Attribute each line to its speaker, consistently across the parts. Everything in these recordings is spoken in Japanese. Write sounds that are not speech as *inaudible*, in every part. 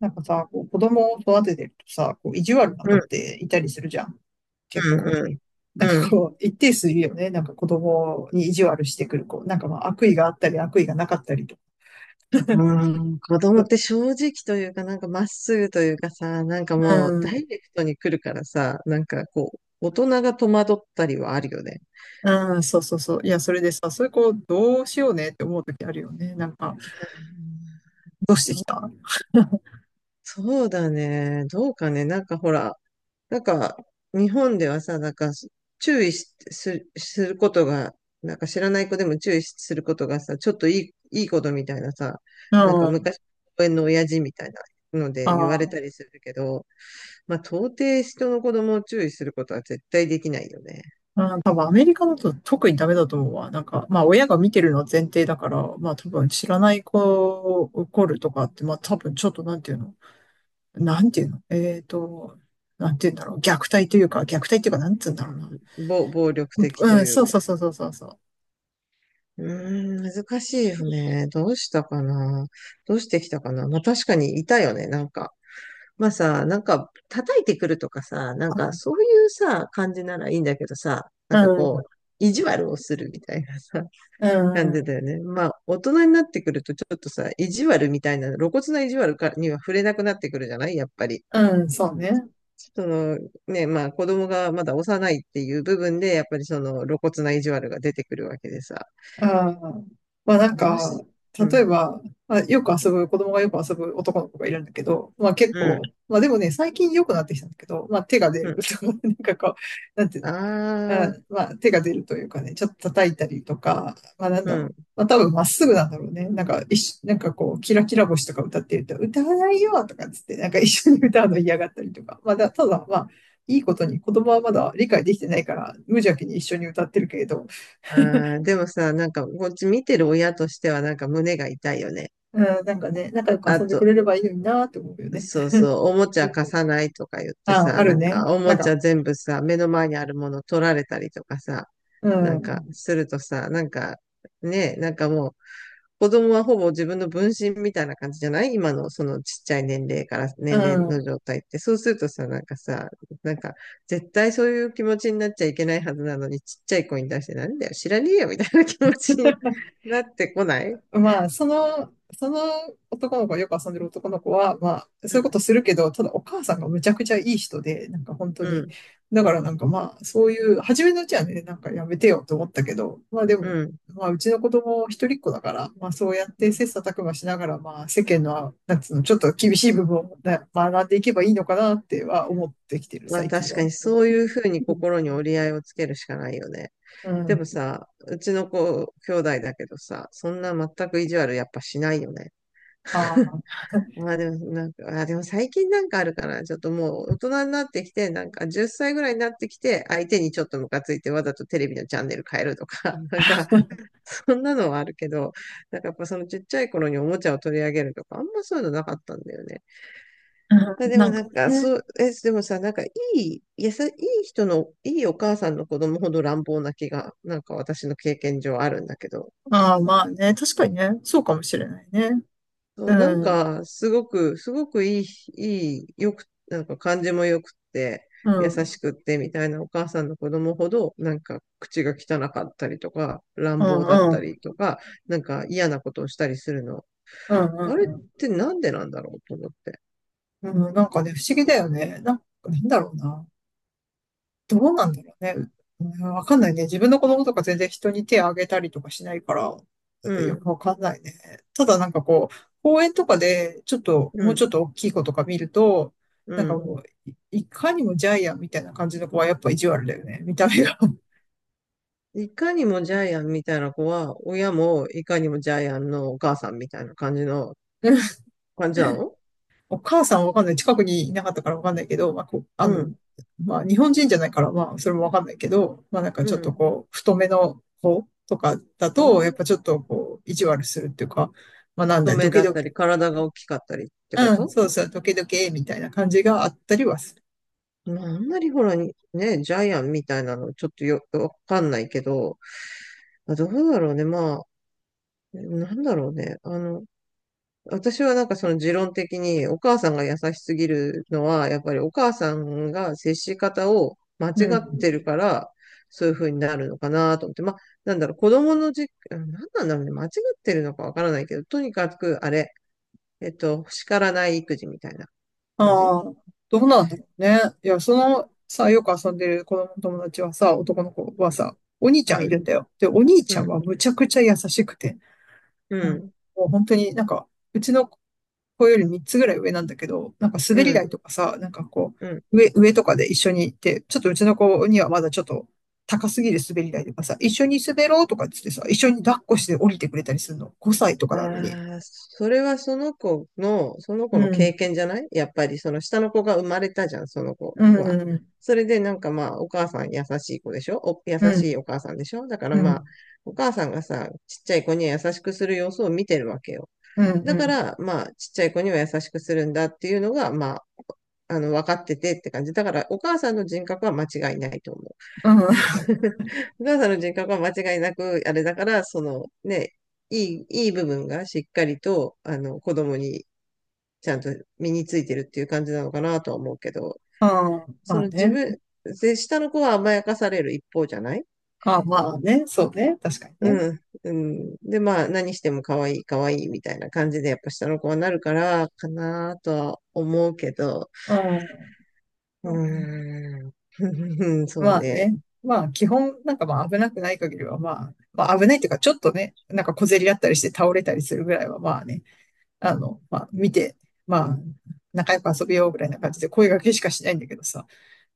Speaker 1: なんかさ、こう子供を育ててるとさ、こう意地悪な
Speaker 2: う
Speaker 1: 子っ
Speaker 2: ん、
Speaker 1: ていたりするじゃん。結
Speaker 2: う
Speaker 1: 構。
Speaker 2: ん、うん。
Speaker 1: 一定数いるよね。なんか子供に意地悪してくる子。悪意があったり悪意がなかったりとか。
Speaker 2: うん子供って正直というか、なんかまっすぐというかさ、なんか
Speaker 1: う
Speaker 2: もうダ
Speaker 1: ん、
Speaker 2: イレクトに来るからさ、なんかこう、大人が戸惑ったりはあるよね。
Speaker 1: うん、そうそうそう。いや、それでさ、そういう子どうしようねって思う時あるよね。どうしてき
Speaker 2: そ、
Speaker 1: た *laughs*
Speaker 2: そうだね。どうかね。なんかほら、なんか日本ではさ、なんか注意し、す、することが、なんか知らない子でも注意することがさ、ちょっといいことみたいなさ、
Speaker 1: うん、
Speaker 2: なんか
Speaker 1: あ
Speaker 2: 昔、公園の親父みたいなので言われ
Speaker 1: あ、
Speaker 2: たりするけど、まあ、到底人の子供を注意することは絶対できないよね。
Speaker 1: うん多分アメリカだと特にダメだと思うわ。まあ親が見てるのは前提だから、まあ多分知らない子を怒るとかって、まあ多分ちょっとなんていうのえっと、なんていうんだろう。虐待というか、なんつうんだ
Speaker 2: う
Speaker 1: ろ
Speaker 2: 暴力
Speaker 1: う
Speaker 2: 的と
Speaker 1: な。うん、
Speaker 2: いう
Speaker 1: そう
Speaker 2: か。
Speaker 1: そうそうそうそうそう。
Speaker 2: うーん、難しいよね。どうしたかな。どうしてきたかな。まあ、確かにいたよね、なんか。まあさ、なんか、叩いてくるとかさ、なんか、そういうさ、感じならいいんだけどさ、な
Speaker 1: う
Speaker 2: んかこ
Speaker 1: ん、
Speaker 2: う、意地悪をするみたいなさ、*laughs*
Speaker 1: う
Speaker 2: 感じ
Speaker 1: ん、
Speaker 2: だよね。まあ、大人になってくると、ちょっとさ、意地悪みたいな、露骨な意地悪かには触れなくなってくるじゃないやっぱり。
Speaker 1: うん、そうね。
Speaker 2: そのね、まあ子供がまだ幼いっていう部分で、やっぱりその露骨な意地悪が出てくるわけでさ。
Speaker 1: ああ、まあなん
Speaker 2: どう
Speaker 1: か、
Speaker 2: し、う
Speaker 1: 例え
Speaker 2: ん、
Speaker 1: ば、まあ、よく遊ぶ、子供がよく遊ぶ男の子がいるんだけど、まあ結
Speaker 2: うん、
Speaker 1: 構、まあでもね、最近良くなってきたんだけど、まあ手が出
Speaker 2: う
Speaker 1: る
Speaker 2: ん。
Speaker 1: とか、*laughs* なんかこう、なんていう
Speaker 2: あ
Speaker 1: の、あ、
Speaker 2: あ、
Speaker 1: まあ手が出るというかね、ちょっと叩いたりとか、まあなん
Speaker 2: う
Speaker 1: だろう、
Speaker 2: ん。
Speaker 1: まあ多分まっすぐなんだろうね。なんか一緒、なんかこう、キラキラ星とか歌ってると、歌わないよとかっつって、なんか一緒に歌うの嫌がったりとか、まあだ、ただまあ、いいことに子供はまだ理解できてないから、無邪気に一緒に歌ってるけれど、
Speaker 2: ああ、でもさ、なんかこっち見てる親としてはなんか胸が痛いよね。
Speaker 1: うん、なんかね、仲良く
Speaker 2: あ
Speaker 1: 遊んでく
Speaker 2: と、
Speaker 1: れればいいのになーって思うよね。
Speaker 2: そうそう、おもちゃ
Speaker 1: *laughs*
Speaker 2: 貸さないとか言って
Speaker 1: あ、
Speaker 2: さ、
Speaker 1: あ
Speaker 2: な
Speaker 1: る
Speaker 2: ん
Speaker 1: ね。
Speaker 2: かお
Speaker 1: な
Speaker 2: も
Speaker 1: ん
Speaker 2: ち
Speaker 1: か、
Speaker 2: ゃ全部さ、目の前にあるもの取られたりとかさ、
Speaker 1: う
Speaker 2: なんか
Speaker 1: ん。
Speaker 2: するとさ、なんかね、なんかもう、子供はほぼ自分の分身みたいな感じじゃない今のそのちっちゃい年齢から
Speaker 1: う
Speaker 2: 年齢の
Speaker 1: ん。
Speaker 2: 状態って。そうするとさ、なんかさ、なんか絶対そういう気持ちになっちゃいけないはずなのに、ちっちゃい子に対してなんだよ、知らねえよみたいな気持ちになってこない。
Speaker 1: まあ、その男の子、よく遊んでる男の子は、まあ、
Speaker 2: う
Speaker 1: そういうこ
Speaker 2: ん、
Speaker 1: とするけど、ただお母さんがむちゃくちゃいい人で、なんか本当
Speaker 2: う
Speaker 1: に、
Speaker 2: ん、
Speaker 1: だからなんかまあ、そういう、初めのうちはね、なんかやめてよと思ったけど、まあで
Speaker 2: う
Speaker 1: も、
Speaker 2: ん。
Speaker 1: まあ、うちの子供一人っ子だから、まあそうやっ
Speaker 2: う
Speaker 1: て
Speaker 2: ん
Speaker 1: 切磋琢磨しながら、まあ世間の、なんつうの、ちょっと厳しい部分をね学んでいけばいいのかなっては思ってきてる、
Speaker 2: まあ
Speaker 1: 最近
Speaker 2: 確
Speaker 1: は。
Speaker 2: かにそういうふうに心に折り合いをつけるしかないよね。
Speaker 1: う
Speaker 2: で
Speaker 1: ん。
Speaker 2: もさ、うちの子、兄弟だけどさ、そんな全く意地悪やっぱしないよね。
Speaker 1: ああ、
Speaker 2: まあでも、なんか、あ、でも最近なんかあるかな。ちょっともう大人になってきて、なんか10歳ぐらいになってきて、相手にちょっとムカついてわざとテレビのチャンネル変えるとか、*laughs* なんか、そんなのはあるけど、なんかやっぱそのちっちゃい頃におもちゃを取り上げるとか、あんまそういうのなかったんだよね。
Speaker 1: う
Speaker 2: まあ
Speaker 1: ん
Speaker 2: でも
Speaker 1: なん
Speaker 2: な
Speaker 1: か
Speaker 2: んか、
Speaker 1: ね。
Speaker 2: そう、え、でもさ、なんかいい、やさ、いい人の、いいお母さんの子供ほど乱暴な気が、なんか私の経験上あるんだけど、
Speaker 1: ああ、まあね、確かにね、そうかもしれないね。
Speaker 2: そう、なん
Speaker 1: うん、
Speaker 2: か、すごく、すごくいい、いい、よく、なんか感じもよくって、
Speaker 1: う
Speaker 2: 優
Speaker 1: ん、うん、
Speaker 2: しくってみたいなお母さんの子供ほど、なんか口が汚かったりとか、
Speaker 1: う
Speaker 2: 乱暴だっ
Speaker 1: ん、う
Speaker 2: た
Speaker 1: ん、
Speaker 2: りとか、なんか嫌なことをしたりするの。
Speaker 1: うん、
Speaker 2: あれっ
Speaker 1: う
Speaker 2: てなんでなんだろうと思って。
Speaker 1: うん、なんかね、不思議だよね。なんだろうな。どうなんだろうね。うんわかんないね。自分の子供とか全然人に手を挙げたりとかしないから、
Speaker 2: う
Speaker 1: よ
Speaker 2: ん、
Speaker 1: くわかんないね。ただなんかこう、公園とかで、ちょっと、
Speaker 2: う
Speaker 1: もうち
Speaker 2: ん、
Speaker 1: ょっと大きい子とか見ると、
Speaker 2: う
Speaker 1: なんか
Speaker 2: ん。
Speaker 1: もう、いいかにもジャイアンみたいな感じの子はやっぱ意地悪だよね。見た目が。
Speaker 2: いかにもジャイアンみたいな子は、親もいかにもジャイアンのお母さんみたいな感じの、感じなの？
Speaker 1: お母さんはわかんない。近くにいなかったからわかんないけど、
Speaker 2: うん、
Speaker 1: まあ、日本人じゃないから、まあ、それもわかんないけど、まあ、なんか
Speaker 2: う
Speaker 1: ちょっと
Speaker 2: ん。
Speaker 1: こう、太めの子とかだと、やっぱち
Speaker 2: あ、
Speaker 1: ょっとこう、意地悪するっていうか、まあ、なん
Speaker 2: 太
Speaker 1: だ、ド
Speaker 2: め
Speaker 1: キ
Speaker 2: だっ
Speaker 1: ド
Speaker 2: た
Speaker 1: キ、
Speaker 2: り、体が大きかったりってこ
Speaker 1: うん、
Speaker 2: と？
Speaker 1: そうそう、ドキドキ、みたいな感じがあったりはする。
Speaker 2: まあ、あんまりほら、ね、ジャイアンみたいなの、ちょっとよ、わかんないけど、まあ、どうだろうね。まあ、なんだろうね。あの、私はなんかその持論的に、お母さんが優しすぎるのは、やっぱりお母さんが接し方を間
Speaker 1: う
Speaker 2: 違って
Speaker 1: ん。
Speaker 2: るから、そういう風になるのかなと思って。まあ、なんだろう、子供のじ、なんなんだろうね。間違ってるのかわからないけど、とにかく、あれ、えっと、叱らない育児みたいな感じ。
Speaker 1: ああ、どうなんだろうね。いや、よく遊んでる子供の友達はさ、男の子はさ、お兄ち
Speaker 2: う
Speaker 1: ゃんいるん
Speaker 2: ん、
Speaker 1: だよ。で、お兄ち
Speaker 2: う
Speaker 1: ゃん
Speaker 2: ん、
Speaker 1: はむちゃくちゃ優しくて、
Speaker 2: う
Speaker 1: あの
Speaker 2: ん、
Speaker 1: もう本当になんか、うちのこうより3つぐらい上なんだけど、なんか
Speaker 2: う
Speaker 1: 滑り台
Speaker 2: ん、
Speaker 1: とかさ、なんかこ
Speaker 2: うん。
Speaker 1: う、上、上とかで一緒に行って、ちょっとうちの子にはまだちょっと高すぎる滑り台とかさ、一緒に滑ろうとかってってさ、一緒に抱っこして降りてくれたりするの。5歳とかなのに。
Speaker 2: ああ、それはその
Speaker 1: う
Speaker 2: 子の
Speaker 1: ん、
Speaker 2: 経験じゃないやっぱりその下の子が生まれたじゃん、その子
Speaker 1: うん、
Speaker 2: は。
Speaker 1: うん、
Speaker 2: それでなんかまあ、お母さん優しい子でしょお、優
Speaker 1: う
Speaker 2: しい
Speaker 1: ん、
Speaker 2: お母さんでしょだから
Speaker 1: う
Speaker 2: まあ、
Speaker 1: ん、
Speaker 2: お母さんがさ、ちっちゃい子には優しくする様子を見てるわけよ。
Speaker 1: うん、う
Speaker 2: だか
Speaker 1: ん、
Speaker 2: らまあ、ちっちゃい子には優しくするんだっていうのがまあ、あの、分かっててって感じ。だからお母さんの人格は間違いないと思う。
Speaker 1: うん、
Speaker 2: *laughs* お母さんの人格は間違いなく、あれだから、そのね、いい部分がしっかりと、あの、子供にちゃんと身についてるっていう感じなのかなとは思うけど、
Speaker 1: あー
Speaker 2: そ
Speaker 1: まあ
Speaker 2: の自
Speaker 1: ね。
Speaker 2: 分、で、下の子は甘やかされる一方じゃない。
Speaker 1: あーまあね。そうね。確かにね。
Speaker 2: うん。で、まあ、何しても可愛いみたいな感じで、やっぱ下の子はなるから、かなとは思うけど、
Speaker 1: うん、
Speaker 2: う
Speaker 1: まあね。
Speaker 2: ーん、*laughs* そう
Speaker 1: まあ
Speaker 2: ね。
Speaker 1: ね。まあ、基本、なんかまあ危なくない限りは、まあ危ないっていうか、ちょっとね、なんか小競り合ったりして倒れたりするぐらいは、まあね、あの、まあ見て、まあ、仲良く遊びようぐらいな感じで声掛けしかしないんだけどさ、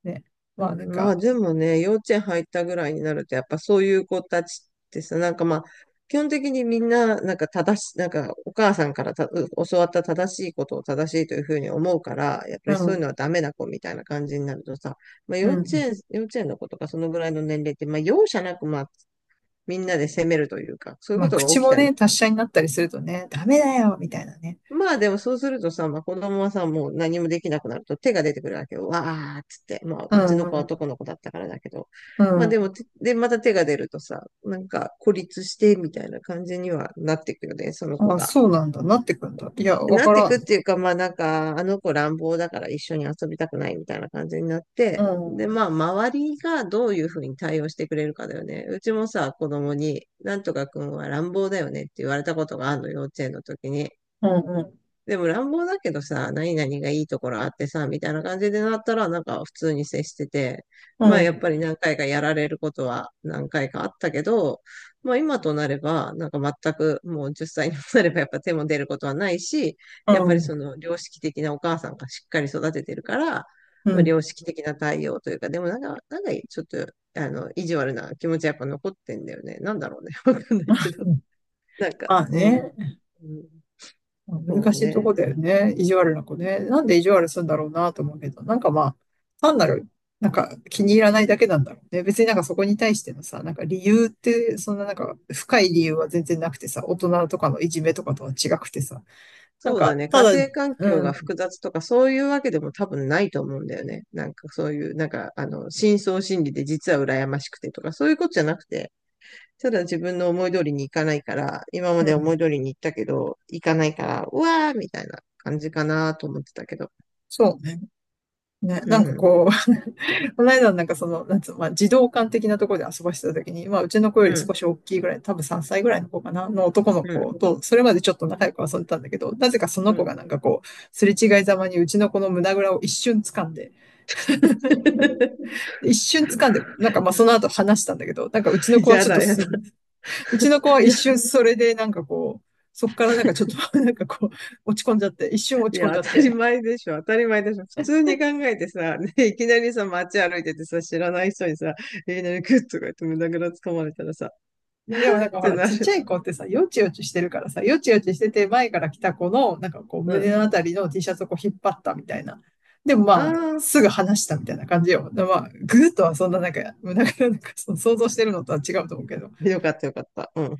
Speaker 1: ね。
Speaker 2: う
Speaker 1: まあなん
Speaker 2: ん、ま
Speaker 1: か、
Speaker 2: あでもね、幼稚園入ったぐらいになると、やっぱそういう子たちってさ、なんかまあ、基本的にみんな、なんか正し、なんかお母さんからたう教わった正しいことを正しいというふうに思うから、やっぱ
Speaker 1: う
Speaker 2: りそう
Speaker 1: ん、
Speaker 2: いうのはダメな子みたいな感じになるとさ、まあ
Speaker 1: う
Speaker 2: 幼稚
Speaker 1: ん。
Speaker 2: 園、幼稚園の子とかそのぐらいの年齢って、まあ容赦なくまあみんなで責めるというか、そういう
Speaker 1: ま
Speaker 2: こ
Speaker 1: あ
Speaker 2: とが
Speaker 1: 口
Speaker 2: 起き
Speaker 1: も
Speaker 2: たり。
Speaker 1: ね、達者になったりするとね、ダメだよ、みたいなね。
Speaker 2: まあでもそうするとさ、まあ子供はさ、もう何もできなくなると手が出てくるわけよ。わーっつって。まあ
Speaker 1: う
Speaker 2: うちの
Speaker 1: ん、
Speaker 2: 子は
Speaker 1: う
Speaker 2: 男の子だったからだけど。
Speaker 1: ん、う
Speaker 2: まあで
Speaker 1: ん。
Speaker 2: もて、で、また手が出るとさ、なんか孤立してみたいな感じにはなっていくよね、その子
Speaker 1: あ、
Speaker 2: が。
Speaker 1: そうなんだ、なってくんだ。いや、わ
Speaker 2: なっ
Speaker 1: か
Speaker 2: てい
Speaker 1: ら
Speaker 2: くっ
Speaker 1: ん。
Speaker 2: ていうか、まあなんか、あの子乱暴だから一緒に遊びたくないみたいな感じになっ
Speaker 1: う
Speaker 2: て。
Speaker 1: ん、う
Speaker 2: で、
Speaker 1: ん、
Speaker 2: まあ周りがどういうふうに対応してくれるかだよね。うちもさ、子供に、なんとかくんは乱暴だよねって言われたことがあるの、幼稚園の時に。
Speaker 1: うん、
Speaker 2: でも乱暴だけどさ、何々がいいところあってさ、みたいな感じでなったら、なんか普通に接してて、まあやっぱ
Speaker 1: う
Speaker 2: り何回かやられることは何回かあったけど、まあ今となれば、なんか全くもう10歳にもなればやっぱ手も出ることはないし、やっぱり
Speaker 1: ん、
Speaker 2: その良識的なお母さんがしっかり育ててるから、
Speaker 1: う
Speaker 2: まあ
Speaker 1: ん、
Speaker 2: 良識的な対応というか、でもなんか、なんかちょっと、あの、意地悪な気持ちはやっぱ残ってんだよね。なんだろうね。*laughs* わかんないけど。
Speaker 1: うん。
Speaker 2: なんか、
Speaker 1: まあ
Speaker 2: うん。
Speaker 1: ね。
Speaker 2: うん、そう
Speaker 1: 難しいと
Speaker 2: ね。
Speaker 1: こだよね。意地悪な子ね。なんで意地悪するんだろうなと思うけど、なんかまあ、単なる、なんか気に入らないだけなんだろうね。別になんかそこに対してのさ、なんか理由って、そんななんか深い理由は全然なくてさ、大人とかのいじめとかとは違くてさ、なん
Speaker 2: そうだ
Speaker 1: か、
Speaker 2: ね。
Speaker 1: た
Speaker 2: 家
Speaker 1: だ、
Speaker 2: 庭環
Speaker 1: う
Speaker 2: 境が
Speaker 1: ん、
Speaker 2: 複雑とかそういうわけでも多分ないと思うんだよね。なんかそういう、なんかあの、深層心理で実は羨ましくてとかそういうことじゃなくて、ただ自分の思い通りにいかないから、今ま
Speaker 1: う
Speaker 2: で思い
Speaker 1: ん、
Speaker 2: 通りに行ったけど、行かないから、うわーみたいな感じかなと思ってたけど。
Speaker 1: そうね。ね、
Speaker 2: う
Speaker 1: なんか
Speaker 2: ん、
Speaker 1: こう、この間なんかその、なんつうの、まあ、児童館的なところで遊ばしてた時に、まあ、うちの子よ
Speaker 2: う
Speaker 1: り少
Speaker 2: ん、
Speaker 1: し大きいぐらい、多分3歳ぐらいの子かな、の男の
Speaker 2: うん、
Speaker 1: 子と、それまでちょっと仲良く遊んでたんだけど、なぜかそ
Speaker 2: う
Speaker 1: の子
Speaker 2: ん。
Speaker 1: がなんかこう、すれ違いざまにうちの子の胸ぐらを一瞬掴んで、
Speaker 2: *laughs*
Speaker 1: 一瞬掴んで、なんかまあその後話したんだけど、
Speaker 2: やだ、やだ、
Speaker 1: うちの子
Speaker 2: *laughs*
Speaker 1: は一
Speaker 2: や
Speaker 1: 瞬それでなんかこう、そっからなんかちょっとなんかこう、落ち込んじゃって、一瞬落
Speaker 2: い
Speaker 1: ち込ん
Speaker 2: や、
Speaker 1: じゃっ
Speaker 2: 当たり
Speaker 1: て、
Speaker 2: 前でしょ、当たり前でしょ。普通に考えてさ、ね、いきなりさ、街歩いててさ、知らない人にさ、いきなりグッとか言って胸ぐらつかまれたらさ、
Speaker 1: いやでもなん
Speaker 2: っ
Speaker 1: かほ
Speaker 2: て
Speaker 1: ら、
Speaker 2: な
Speaker 1: ちっ
Speaker 2: る。
Speaker 1: ちゃい子ってさ、よちよちしてるからさ、よちよちしてて前から来た子の、なんかこう
Speaker 2: う
Speaker 1: 胸
Speaker 2: ん。
Speaker 1: のあたりの T シャツをこう引っ張ったみたいな。でもま
Speaker 2: あ
Speaker 1: あ、
Speaker 2: あ、
Speaker 1: すぐ離したみたいな感じよ。でまあ、グーとはそんななんか、その想像してるのとは違うと思うけど。
Speaker 2: よかった。うん。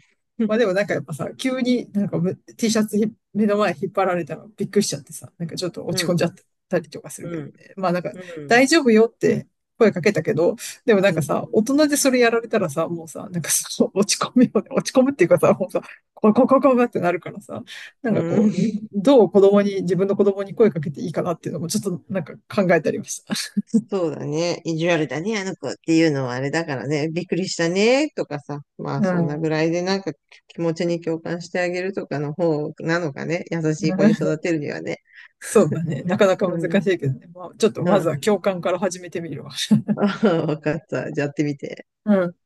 Speaker 1: まあ
Speaker 2: *laughs*
Speaker 1: でもなんかやっぱさ、急になんかT シャツ目の前引っ張られたのびっくりしちゃってさ、なんかちょっと落
Speaker 2: う
Speaker 1: ち込ん
Speaker 2: ん、
Speaker 1: じゃったりとかする
Speaker 2: う
Speaker 1: けどね。
Speaker 2: ん、
Speaker 1: まあなんか
Speaker 2: うん、
Speaker 1: 大丈夫よって声かけたけど、でもなん
Speaker 2: う
Speaker 1: か
Speaker 2: ん、
Speaker 1: さ、大人でそれやられたらさ、もうさ、なんかその *laughs* 落ち込むよね。落ち込むっていうかさ、もうさ、こここここってなるからさ、なん
Speaker 2: う
Speaker 1: かこ
Speaker 2: ん。
Speaker 1: う、どう子供に、自分の子供に声かけていいかなっていうのもちょっとなんか考えたりました。
Speaker 2: そうだね。意地悪だね、あの子っていうのはあれだからね。びっくりしたね、とかさ。まあ、
Speaker 1: う
Speaker 2: そんなぐ
Speaker 1: ん
Speaker 2: らいでなんか気持ちに共感してあげるとかの方なのかね。優しい子に育
Speaker 1: *laughs*
Speaker 2: てるにはね。
Speaker 1: そうだね。なかなか
Speaker 2: う
Speaker 1: 難し
Speaker 2: ん、
Speaker 1: いけどね。まあ、ちょっと
Speaker 2: う
Speaker 1: まず
Speaker 2: ん。
Speaker 1: は共感から始めてみるわ。
Speaker 2: *laughs*
Speaker 1: *laughs*
Speaker 2: わかった。じゃあやってみて。
Speaker 1: うん。